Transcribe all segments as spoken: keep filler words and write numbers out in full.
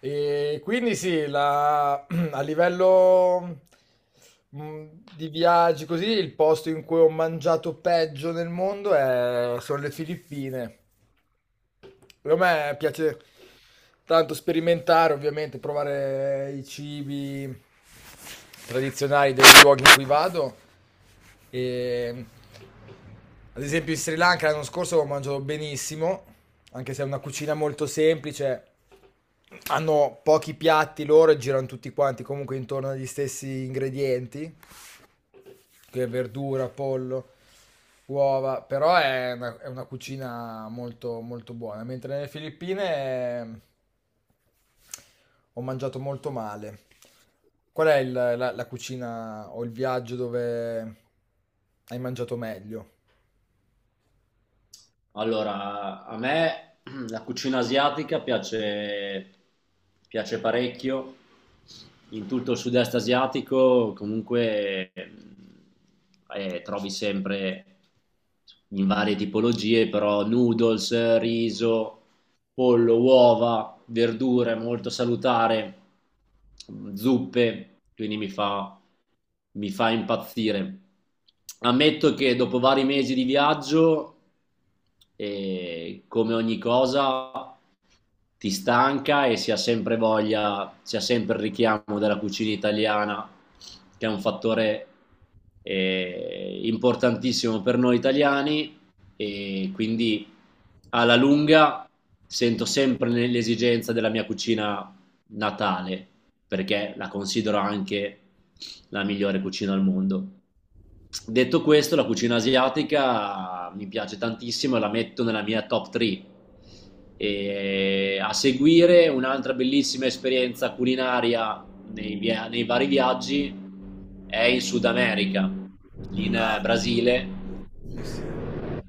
E quindi sì, la- a livello mh, di viaggi così, il posto in cui ho mangiato peggio nel mondo è- sono le Filippine. A me piace tanto sperimentare, ovviamente, provare i cibi tradizionali dei luoghi in cui vado. E, ad esempio in Sri Lanka l'anno scorso ho mangiato benissimo, anche se è una cucina molto semplice. Hanno pochi piatti loro e girano tutti quanti comunque intorno agli stessi ingredienti che verdura, pollo, uova, però è una, è una cucina molto, molto buona. Mentre nelle Filippine eh, ho mangiato molto male. Qual è il- la, la cucina o il viaggio dove hai mangiato meglio? Allora, a me la cucina asiatica piace, piace parecchio, in tutto il sud-est asiatico comunque eh, trovi sempre in varie tipologie, però noodles, riso, pollo, uova, verdure, molto salutare, zuppe, quindi mi fa mi fa impazzire. Ammetto che dopo vari mesi di viaggio, eh, come ogni cosa, ti stanca e si ha sempre voglia, si ha sempre il richiamo della cucina italiana, che è un fattore eh, importantissimo per noi italiani, e quindi alla lunga sento sempre l'esigenza della mia cucina natale, perché la considero anche la migliore cucina al mondo. Detto questo, la cucina asiatica mi piace tantissimo e la metto nella mia top tre. E a seguire un'altra bellissima esperienza culinaria nei, via- nei vari viaggi è in Sud America, in eh, Brasile,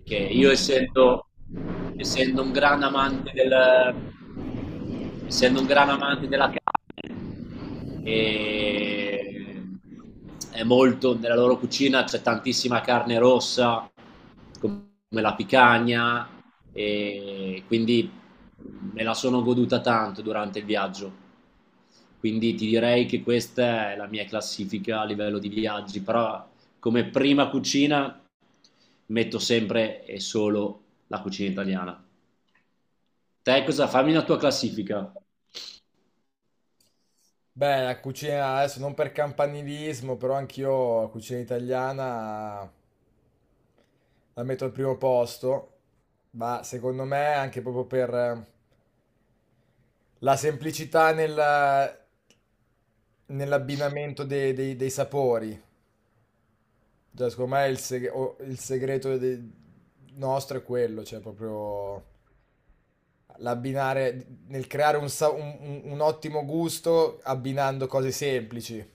che io essendo, essendo un gran amante del, essendo un gran amante della, e è molto, nella loro cucina c'è tantissima carne rossa come la picagna, e quindi me la sono goduta tanto durante il viaggio. Quindi ti direi che questa è la mia classifica a livello di viaggi, però come prima cucina metto sempre e solo la cucina italiana. Te, cosa, fammi una tua classifica. Beh, la cucina adesso non per campanilismo, però anch'io la cucina italiana la metto al primo posto, ma secondo me anche proprio per la semplicità nella- nell'abbinamento dei, dei- dei sapori. Cioè, secondo me il, seg- o- il segreto de- nostro è quello, cioè proprio l'abbinare, nel creare un, sa- un- un- un ottimo gusto abbinando cose semplici.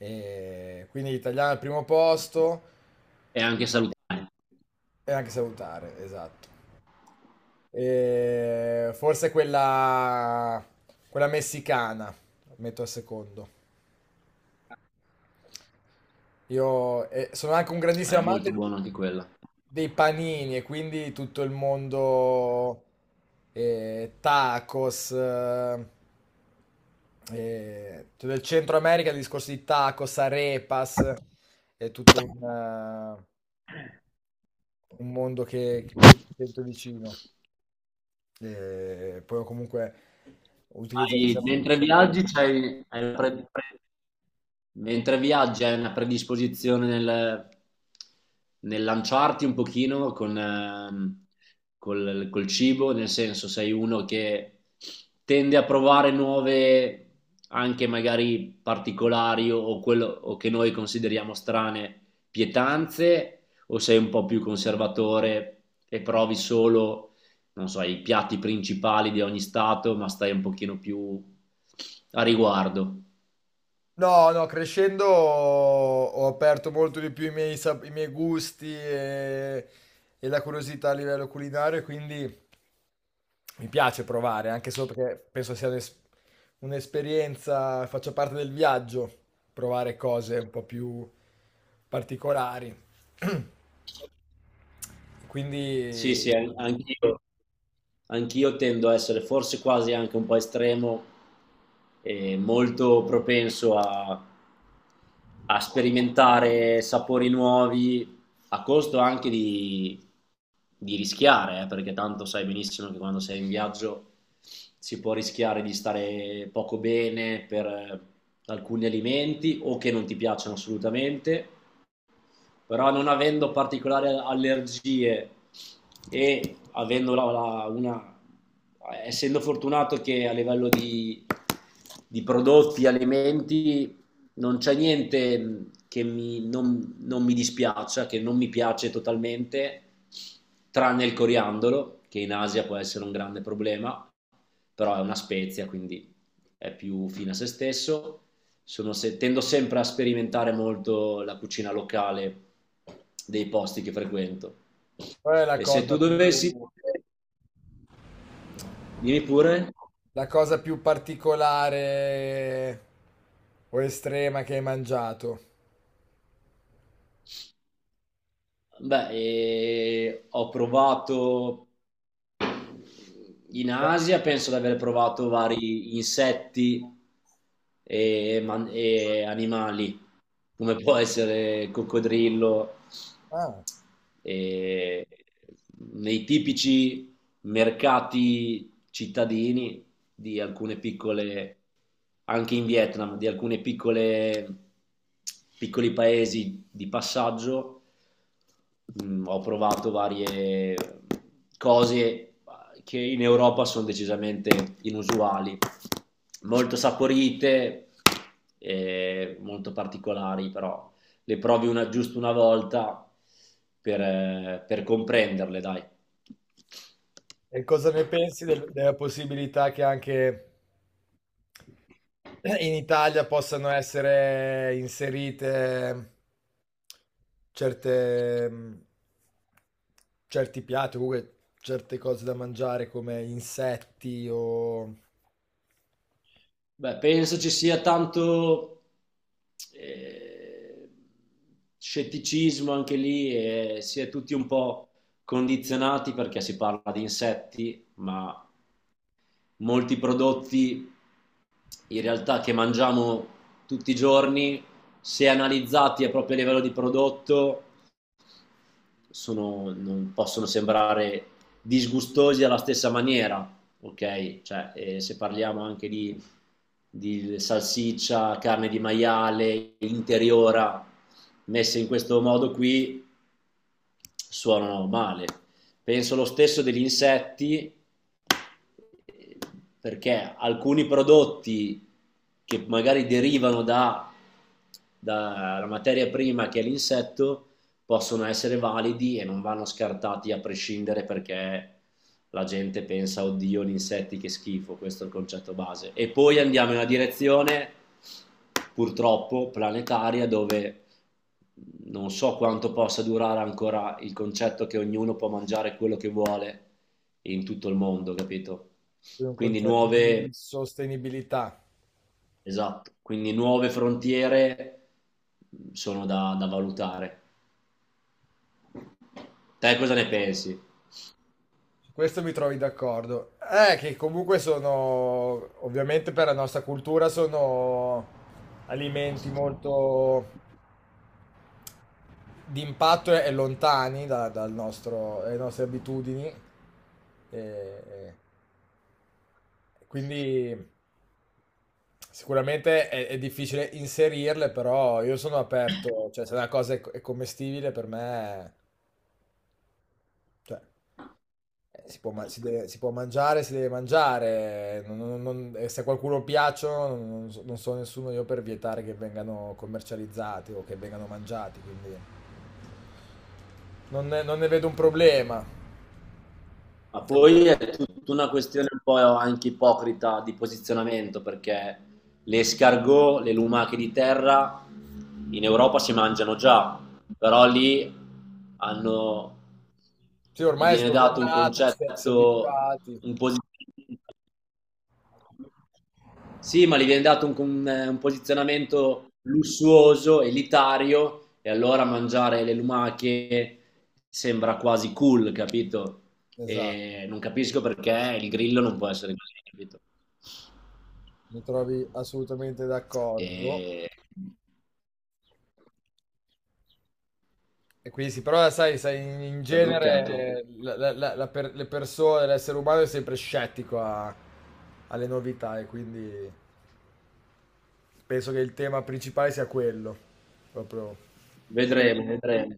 E quindi l'italiano al primo posto E anche salutare. e anche salutare, esatto. E forse quella, quella messicana, metto al secondo. Io eh, sono anche un È grandissimo amante molto buona anche quella. dei panini e quindi tutto il mondo eh, tacos, eh, eh, cioè del Centro America, il discorso di tacos, arepas, è tutto un, eh, un mondo che, che- che mi sento vicino. E poi comunque utilizzo questa. Hai- mentre viaggi c'hai hai una pre- pre- mentre viaggi hai una predisposizione nel, nel lanciarti un pochino con, ehm, col, col cibo, nel senso sei uno che tende a provare nuove, anche magari particolari, o, o quello, o che noi consideriamo strane pietanze, o sei un po' più conservatore e provi solo, non so, i piatti principali di ogni stato, ma stai un pochino più a riguardo. No, no, crescendo ho ho aperto molto di più i miei, sap- i miei gusti e, e la curiosità a livello culinario, quindi mi piace provare, anche solo perché penso sia un'es- un'esperienza, faccia parte del viaggio, provare cose un po' più particolari. Sì, Quindi, sì, an- anch'io, anch'io tendo a essere forse quasi anche un po' estremo e molto propenso a, a sperimentare sapori nuovi, a costo anche di, di rischiare, eh, perché tanto sai benissimo che quando sei in viaggio si può rischiare di stare poco bene per eh, alcuni alimenti o che non ti piacciono assolutamente. Però, non avendo particolari allergie e avendo la- la- una, essendo fortunato che a livello di, di prodotti, alimenti, non c'è niente che mi- non, non mi dispiaccia, che non mi piace totalmente, tranne il coriandolo, che in Asia può essere un grande problema, però è una spezia, quindi è più fine a se stesso. Sono se- Tendo sempre a sperimentare molto la cucina locale dei posti che frequento. qual è la E se cosa tu dovessi, più, dimmi pure, la cosa più particolare o estrema che hai mangiato? beh, eh, ho provato in Beh, Asia, penso di aver provato vari insetti e man- e animali, come può essere coccodrillo. ah. E nei tipici mercati cittadini di alcune piccole, anche in Vietnam, di alcune piccole, piccoli paesi di passaggio, mm, ho provato varie cose che in Europa sono decisamente inusuali, molto saporite, eh, molto particolari, però le provi una, giusto una volta per, eh, per comprenderle, dai. E cosa ne pensi del- della possibilità che anche in Italia possano essere inserite ehm, certe, mh, certi piatti, o comunque certe cose da mangiare come insetti o Beh, penso ci sia tanto eh, scetticismo anche lì, e si è tutti un po' condizionati perché si parla di insetti, ma molti prodotti in realtà che mangiamo tutti i giorni, se analizzati a proprio livello di prodotto, sono, non possono sembrare disgustosi alla stessa maniera, ok? Cioè, eh, se parliamo anche di, di salsiccia, carne di maiale, interiora, messe in questo modo qui, suonano male. Penso lo stesso degli insetti, perché alcuni prodotti che magari derivano da, dalla materia prima che è l'insetto, possono essere validi e non vanno scartati a prescindere perché la gente pensa oddio gli insetti che schifo, questo è il concetto base. E poi andiamo in una direzione purtroppo planetaria dove non so quanto possa durare ancora il concetto che ognuno può mangiare quello che vuole in tutto il mondo, capito? quindi un Quindi concetto nuove, di sostenibilità? esatto, quindi nuove frontiere sono da, da valutare. Te cosa ne pensi? Su questo mi trovi d'accordo. Eh, che comunque sono, ovviamente per la nostra cultura sono alimenti molto d'impatto e lontani da- dal nostro- dalle nostre abitudini. E- quindi sicuramente è, è difficile inserirle, però io sono aperto, cioè se la cosa è, co- è commestibile per me, cioè, eh, si può, ma- si deve- si può mangiare, si deve mangiare, non- non- non- e se a qualcuno piacciono non, non so non so nessuno io per vietare che vengano commercializzati o che vengano mangiati, quindi non ne non ne vedo un problema. Ma poi è tutta una questione un po' anche ipocrita di posizionamento, perché le escargot, le lumache di terra in Europa si mangiano già, però lì hanno- Sì, gli ormai è viene dato un sdoganato, ci si è concetto, abituati. un posizionamento. Sì, ma gli viene dato un, un- eh, un posizionamento lussuoso, elitario, e allora mangiare le lumache sembra quasi cool, capito? Esatto, E non capisco perché il grillo non può essere così, capito? mi trovi assolutamente d'accordo. E... E quindi sì, però sai, sai, in in Si è bloccato. genere la- la- la- la per- le persone, l'essere umano è sempre scettico a- alle novità e quindi penso che il tema principale sia quello, proprio Vedremo, vedremo.